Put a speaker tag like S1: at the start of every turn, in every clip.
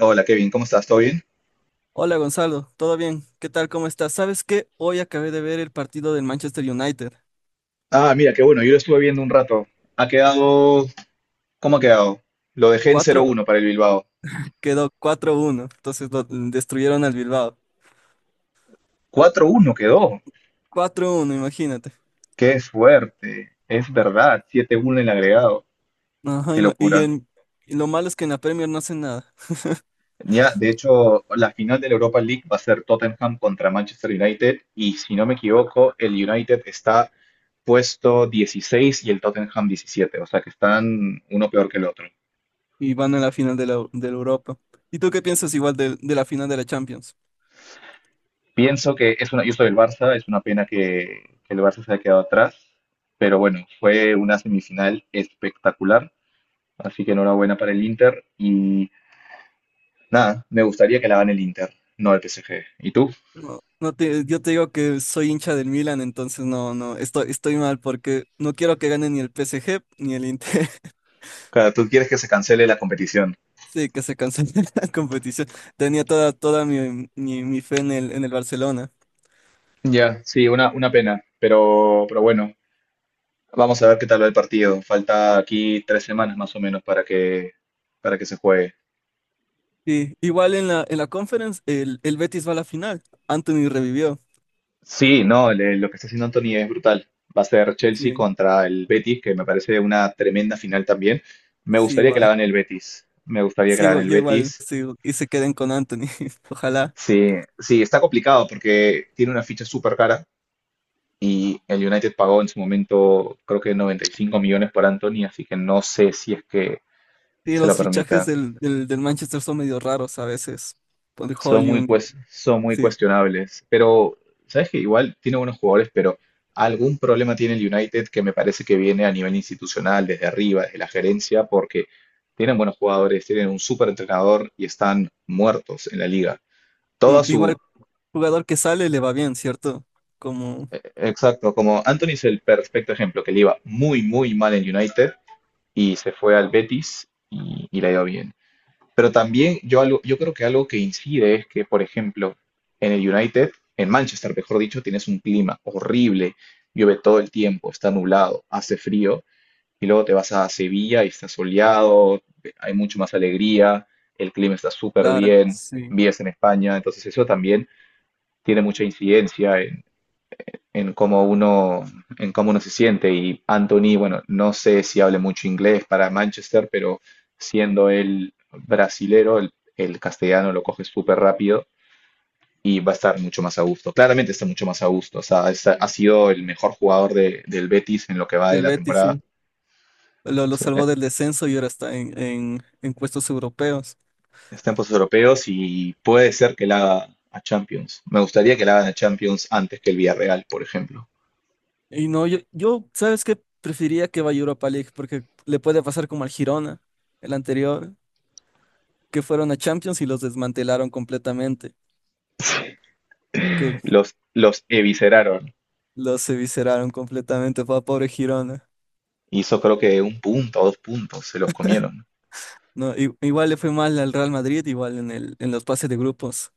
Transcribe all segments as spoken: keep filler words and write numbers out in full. S1: Hola Kevin, ¿cómo estás? ¿Todo bien?
S2: Hola Gonzalo, ¿todo bien? ¿Qué tal? ¿Cómo estás? ¿Sabes qué? Hoy acabé de ver el partido del Manchester United.
S1: Ah, mira, qué bueno, yo lo estuve viendo un rato. Ha quedado... ¿Cómo ha quedado? Lo dejé en cero
S2: Cuatro
S1: uno para el Bilbao.
S2: Quedó cuatro uno, entonces lo- destruyeron al Bilbao.
S1: Cuatro uno quedó.
S2: Cuatro uno, imagínate.
S1: Qué fuerte. Es verdad, siete uno en el agregado.
S2: Ajá,
S1: Qué
S2: ima- y,
S1: locura.
S2: en- y lo malo es que en la Premier no hacen nada
S1: Ya, de hecho, la final de la Europa League va a ser Tottenham contra Manchester United y si no me equivoco, el United está puesto dieciséis y el Tottenham diecisiete. O sea que están uno peor que el otro.
S2: y van a la final de la, de la Europa. ¿Y tú qué piensas igual del- de, la final de la Champions?
S1: Pienso que es una, yo soy del Barça, es una pena que, que el Barça se haya quedado atrás. Pero bueno, fue una semifinal espectacular, así que enhorabuena para el Inter y nada, me gustaría que la gane el Inter, no el P S G. ¿Y tú?
S2: No, no te, yo te digo que soy hincha del Milan, entonces no, no, estoy, estoy mal porque no quiero que gane ni el P S G ni el Inter.
S1: Claro, tú quieres que se cancele la competición.
S2: Sí, que se canceló la competición. Tenía toda, toda mi, mi, mi fe en el, en el Barcelona.
S1: Ya, sí, una, una pena, pero, pero bueno, vamos a ver qué tal va el partido. Falta aquí tres semanas más o menos para que, para que se juegue.
S2: Sí, igual en la, en la conference, el, el Betis va a la final. Anthony revivió.
S1: Sí, no, le- lo que está haciendo Anthony es brutal. Va a ser Chelsea
S2: Sí,
S1: contra el Betis, que me parece una tremenda final también. Me
S2: sí,
S1: gustaría que la
S2: igual.
S1: gane el Betis. Me gustaría que la
S2: Sigo,
S1: gane el
S2: yo igual
S1: Betis.
S2: sigo y se queden con Anthony. Ojalá.
S1: Sí, sí, está complicado porque tiene una ficha súper cara y el United pagó en su momento creo que noventa y cinco millones por Anthony, así que no sé si es que
S2: Sí,
S1: se lo
S2: los fichajes
S1: permita.
S2: del, del, del Manchester son medio raros a veces. Por el
S1: Son muy,
S2: Hojlund,
S1: cues- son muy
S2: sí.
S1: cuestionables, pero sabes que igual tiene buenos jugadores, pero algún problema tiene el United que me parece que viene a nivel institucional, desde arriba, desde la gerencia, porque tienen buenos jugadores, tienen un súper entrenador y están muertos en la liga.
S2: Y, igual, jugador que sale le va bien, ¿cierto? Como
S1: E- Exacto, como Anthony es el perfecto ejemplo, que le iba muy, muy mal en United y se fue al Betis y, y le ha ido bien. Pero también yo, algo, yo creo que algo que incide es que, por ejemplo, en el United, en Manchester, mejor dicho, tienes un clima horrible, llueve todo el tiempo, está nublado, hace frío, y luego te vas a Sevilla y está soleado, hay mucho más alegría, el clima está súper
S2: Lara,
S1: bien,
S2: sí.
S1: vives en España, entonces eso también tiene mucha incidencia en cómo uno, en cómo uno se siente. Y Anthony, bueno, no sé si hable mucho inglés para Manchester, pero siendo él brasilero, el, el castellano lo coge súper rápido y va a estar mucho más a gusto. Claramente está mucho más a gusto. O sea, es- ha sido el mejor jugador de- del Betis en lo que va de
S2: Del
S1: la
S2: Betis,
S1: temporada.
S2: sí. lo, lo
S1: Sí, eh,
S2: salvó del descenso y ahora está en, en, en puestos europeos.
S1: está en puestos europeos y puede ser que la haga a Champions. Me gustaría que la hagan a Champions antes que el Villarreal, por ejemplo.
S2: Y no, yo, yo, ¿sabes qué? Preferiría que vaya a Europa League porque le puede pasar como al Girona, el anterior, que fueron a Champions y los desmantelaron completamente, que
S1: Los, los evisceraron.
S2: los evisceraron completamente, fue pobre Girona.
S1: Hizo creo que un punto o dos puntos, se los comieron.
S2: No, i- igual le fue mal al Real Madrid, igual en el, en los pases de grupos.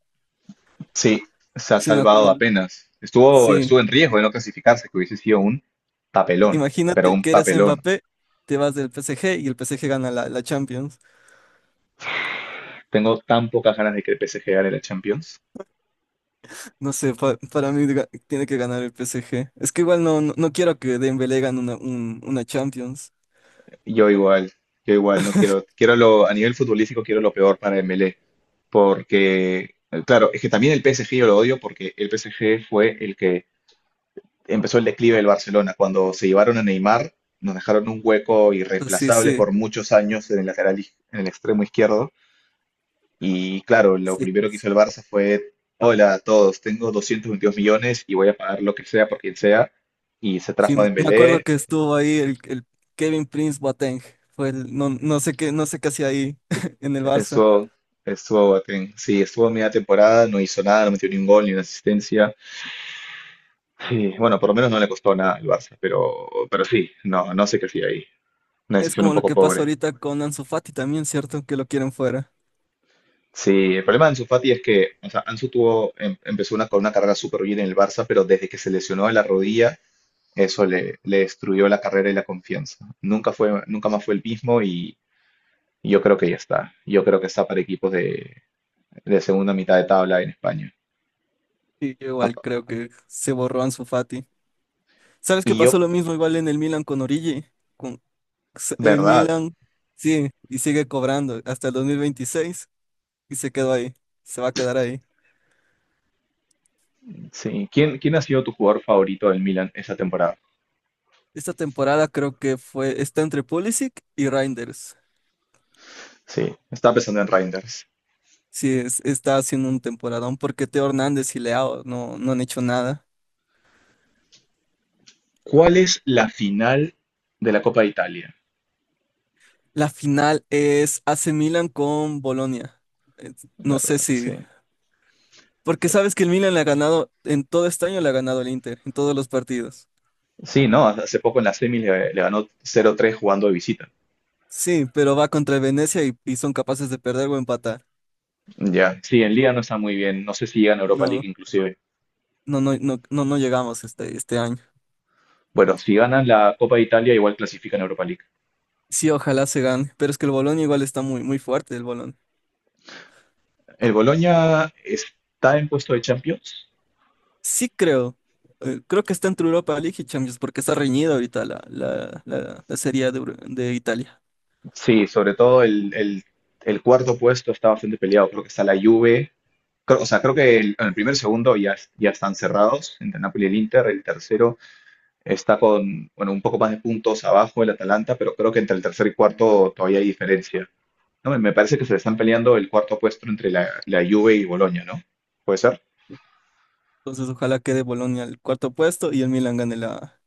S1: Sí, se ha
S2: Sí, me
S1: salvado
S2: acuerdo.
S1: apenas. Estuvo,
S2: Sí,
S1: estuvo en riesgo de no clasificarse, que hubiese sido un papelón, pero
S2: imagínate
S1: un
S2: que eres
S1: papelón.
S2: Mbappé, te vas del P S G y el P S G gana la, la Champions.
S1: Tengo tan pocas ganas de que el P S G gane la Champions.
S2: No sé, pa- para mí ga- tiene que ganar el P S G. Es que igual no, no, no quiero que Dembélé gane una, un- una Champions.
S1: Yo igual, yo igual no quiero, quiero lo, a nivel futbolístico quiero lo peor para Dembélé, porque, eh, claro, es que también el P S G yo lo odio porque el P S G fue el que empezó el declive del Barcelona. Cuando se llevaron a Neymar, nos dejaron un hueco
S2: Entonces,
S1: irreemplazable
S2: sí,
S1: por muchos años en el lateral, iz- en el extremo izquierdo. Y claro, lo
S2: sí,
S1: primero que
S2: sí.
S1: hizo el Barça fue, hola a todos, tengo doscientos veintidós millones y voy a pagar lo que sea por quien sea. Y se
S2: Sí,
S1: trajo a
S2: me acuerdo
S1: Dembélé,
S2: que estuvo ahí el, el Kevin Prince Boateng. Fue el- no, no sé qué, no sé qué hacía ahí en el Barça.
S1: eso estuvo Boateng. Sí, estuvo media temporada, no hizo nada, no metió ni un gol ni una asistencia. Sí, bueno, por lo menos no le costó nada al Barça, pero, pero sí, no, no sé qué hacía ahí. Una
S2: Es
S1: decisión un
S2: como lo
S1: poco
S2: que pasa
S1: pobre.
S2: ahorita con Ansu Fati también, ¿cierto? Que lo quieren fuera.
S1: Sí, el problema de Ansu Fati es que, o sea, Ansu tuvo, em- empezó una, con una carrera súper bien en el Barça, pero desde que se lesionó de la rodilla, eso le, le destruyó la carrera y la confianza. Nunca fue, nunca más fue el mismo y yo creo que ya está. Yo creo que está para equipos de, de segunda mitad de tabla en España.
S2: Sí, yo igual
S1: Apa-
S2: creo que se borró Ansu Fati. ¿Sabes qué?
S1: Y yo,
S2: Pasó lo mismo igual en el Milan con Origi. Con s- el
S1: verdad,
S2: Milan, sí, y sigue cobrando hasta el dos mil veintiséis y se quedó ahí. Se va a quedar ahí.
S1: sí. ¿Quién, quién ha sido tu jugador favorito del Milan esta temporada?
S2: Esta temporada creo que fue, está entre Pulisic y Reinders.
S1: Sí, estaba pensando en Reinders.
S2: Sí, es- está haciendo un temporadón porque Teo Hernández y Leao no, no han hecho nada.
S1: ¿Cuál es la final de la Copa de Italia?
S2: La final es A C Milan con Bolonia. Eh,
S1: La
S2: No sé
S1: verdad,
S2: si,
S1: sí.
S2: porque sabes que el Milan le ha ganado, en todo este año le ha ganado el Inter, en todos los partidos.
S1: Sí, no, hace poco en las semis le, le ganó cero tres jugando de visita.
S2: Sí, pero va contra el Venecia y, y son capaces de perder o empatar.
S1: Ya. Sí, en Liga no está muy bien, no sé si llegan a Europa
S2: No,
S1: League inclusive.
S2: no, no, no, no, no llegamos este, este año.
S1: Bueno, si ganan la Copa de Italia igual clasifican a Europa League.
S2: Sí, ojalá se gane, pero es que el Bolón igual está muy, muy fuerte, el Bolón.
S1: ¿El Boloña está en puesto de Champions?
S2: Sí creo, eh, creo que está entre Europa League y Champions porque está reñida ahorita la, la, la, la Serie A de, Euro- de Italia.
S1: Sí, sobre todo el, el- el cuarto puesto está bastante peleado, creo que está la Juve, creo, o sea, creo que el, en el primer segundo ya, es- ya están cerrados entre Napoli y el Inter, el tercero está con, bueno, un poco más de puntos abajo el Atalanta, pero creo que entre el tercer y cuarto todavía hay diferencia. No, me parece que se están peleando el cuarto puesto entre la, la Juve y Boloña, ¿no? ¿Puede ser?
S2: Entonces ojalá quede Bolonia al cuarto puesto y el Milan gane la,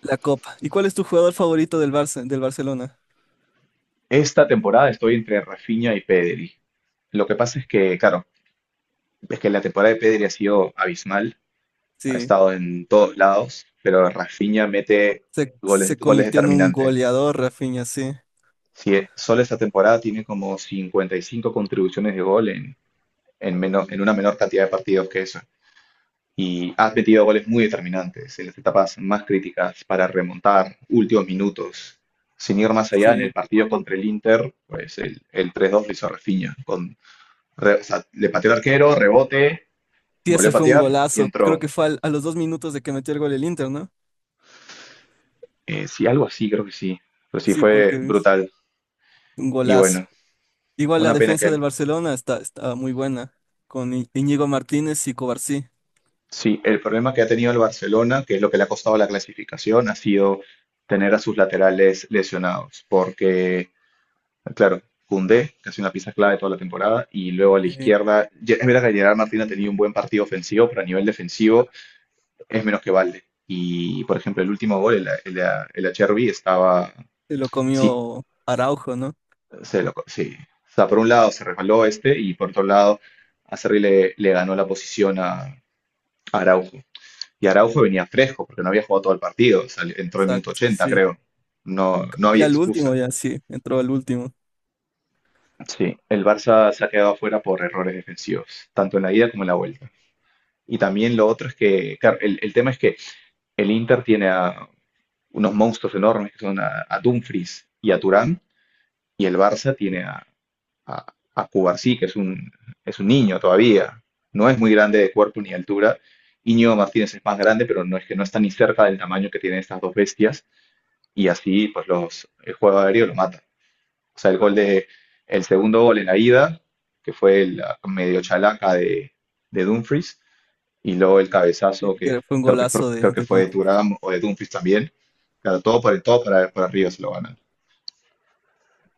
S2: la Copa. ¿Y cuál es tu jugador favorito del Barça, del Barcelona?
S1: Esta temporada estoy entre Rafinha y Pedri. Lo que pasa es que, claro, es que la temporada de Pedri ha sido abismal, ha
S2: Sí,
S1: estado en todos lados, pero Rafinha mete
S2: se,
S1: goles,
S2: se
S1: goles
S2: convirtió en un
S1: determinantes.
S2: goleador, Rafinha, sí.
S1: Si solo esta temporada tiene como cincuenta y cinco contribuciones de gol en, en, menos, en una menor cantidad de partidos que eso. Y has metido goles muy determinantes en las etapas más críticas para remontar últimos minutos. Sin ir más allá, en el
S2: Sí,
S1: partido contra el Inter, pues el, el tres dos lo hizo Rafinha. Con, re- o sea, le pateó el arquero, rebote,
S2: sí,
S1: volvió a
S2: ese fue un
S1: patear y
S2: golazo. Creo
S1: entró.
S2: que fue al- a los dos minutos de que metió el gol el Inter, ¿no?
S1: Eh, sí, algo así, creo que sí. Pero sí
S2: Sí,
S1: fue
S2: porque es
S1: brutal.
S2: un
S1: Y
S2: golazo.
S1: bueno,
S2: Igual la
S1: una pena que
S2: defensa
S1: él.
S2: del Barcelona está, está muy buena, con I- Íñigo Martínez y Cobarsí.
S1: Sí, el problema que ha tenido el Barcelona, que es lo que le ha costado la clasificación, ha sido tener a sus laterales lesionados. Porque claro, Koundé, que ha sido una pieza clave toda la temporada, y luego a la
S2: Sí,
S1: izquierda, Ye- es verdad que Gerard Martín ha tenido un buen partido ofensivo, pero a nivel defensivo es menos que Valde. Y, por ejemplo, el último gol, el, el, el Acherbi, estaba,
S2: se lo
S1: sí,
S2: comió Araujo, ¿no?
S1: se lo, co- sí. O sea, por un lado se resbaló este, y por otro lado, Acerri le, le ganó la posición a, a Araujo. Y Araujo venía fresco, porque no había jugado todo el partido, o sea, entró en el minuto
S2: Exacto,
S1: ochenta,
S2: sí.
S1: creo. No, no
S2: Y
S1: había
S2: al
S1: excusa.
S2: último ya, sí, entró al último.
S1: Sí, el Barça se ha quedado afuera por errores defensivos, tanto en la ida como en la vuelta. Y también lo otro es que, claro, el, el tema es que el Inter tiene a unos monstruos enormes que son a, a Dumfries y a Turán, y el Barça tiene a, a, a Cubarsí, que es un, es un niño todavía, no es muy grande de cuerpo ni de altura. Íñigo Martínez es más grande, pero no es que no está ni cerca del tamaño que tienen estas dos bestias, y así pues los, el juego aéreo lo mata. O sea, el gol de, el segundo gol en la ida, que fue la medio chalaca de, de Dumfries, y luego el
S2: Sí,
S1: cabezazo que
S2: que fue un
S1: creo que,
S2: golazo
S1: creo
S2: de,
S1: que
S2: de
S1: fue de
S2: Dumfries.
S1: Thuram o de Dumfries también. Claro, todo por el todo para, para arriba se lo ganan.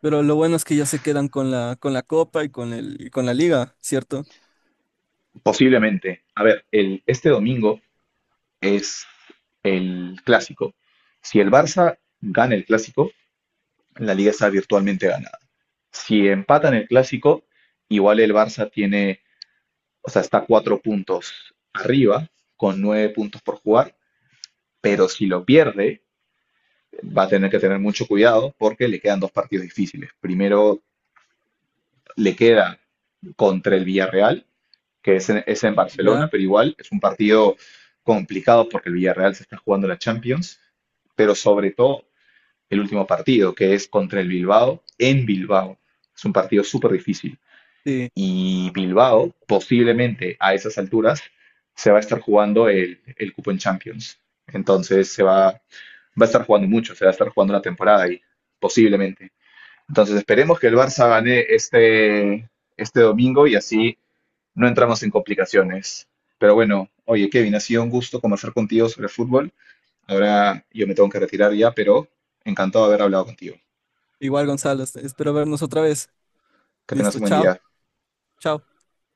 S2: Pero lo bueno es que ya se quedan con la, con la Copa y con el, y con la Liga, ¿cierto?
S1: Posiblemente. A ver, el, este domingo es el clásico. Si el Barça gana el clásico, la liga está virtualmente ganada. Si empatan el clásico, igual el Barça tiene, o sea, está cuatro puntos arriba, con nueve puntos por jugar, pero si lo pierde, va a tener que tener mucho cuidado porque le quedan dos partidos difíciles. Primero le queda contra el Villarreal, que es en, es en
S2: Ya,
S1: Barcelona, pero igual es un partido complicado porque el Villarreal se está jugando la Champions, pero sobre todo el último partido, que es contra el Bilbao, en Bilbao. Es un partido súper difícil.
S2: sí.
S1: Y Bilbao posiblemente a esas alturas se va a estar jugando el, el cupo en Champions. Entonces se va, va a estar jugando mucho, se va a estar jugando la temporada ahí, posiblemente. Entonces esperemos que el Barça gane este, este domingo y así no entramos en complicaciones. Pero bueno, oye Kevin, ha sido un gusto conversar contigo sobre fútbol. Ahora yo me tengo que retirar ya, pero encantado de haber hablado contigo.
S2: Igual, Gonzalo, espero vernos otra vez.
S1: Que tengas
S2: Listo,
S1: un buen
S2: chao,
S1: día.
S2: chao.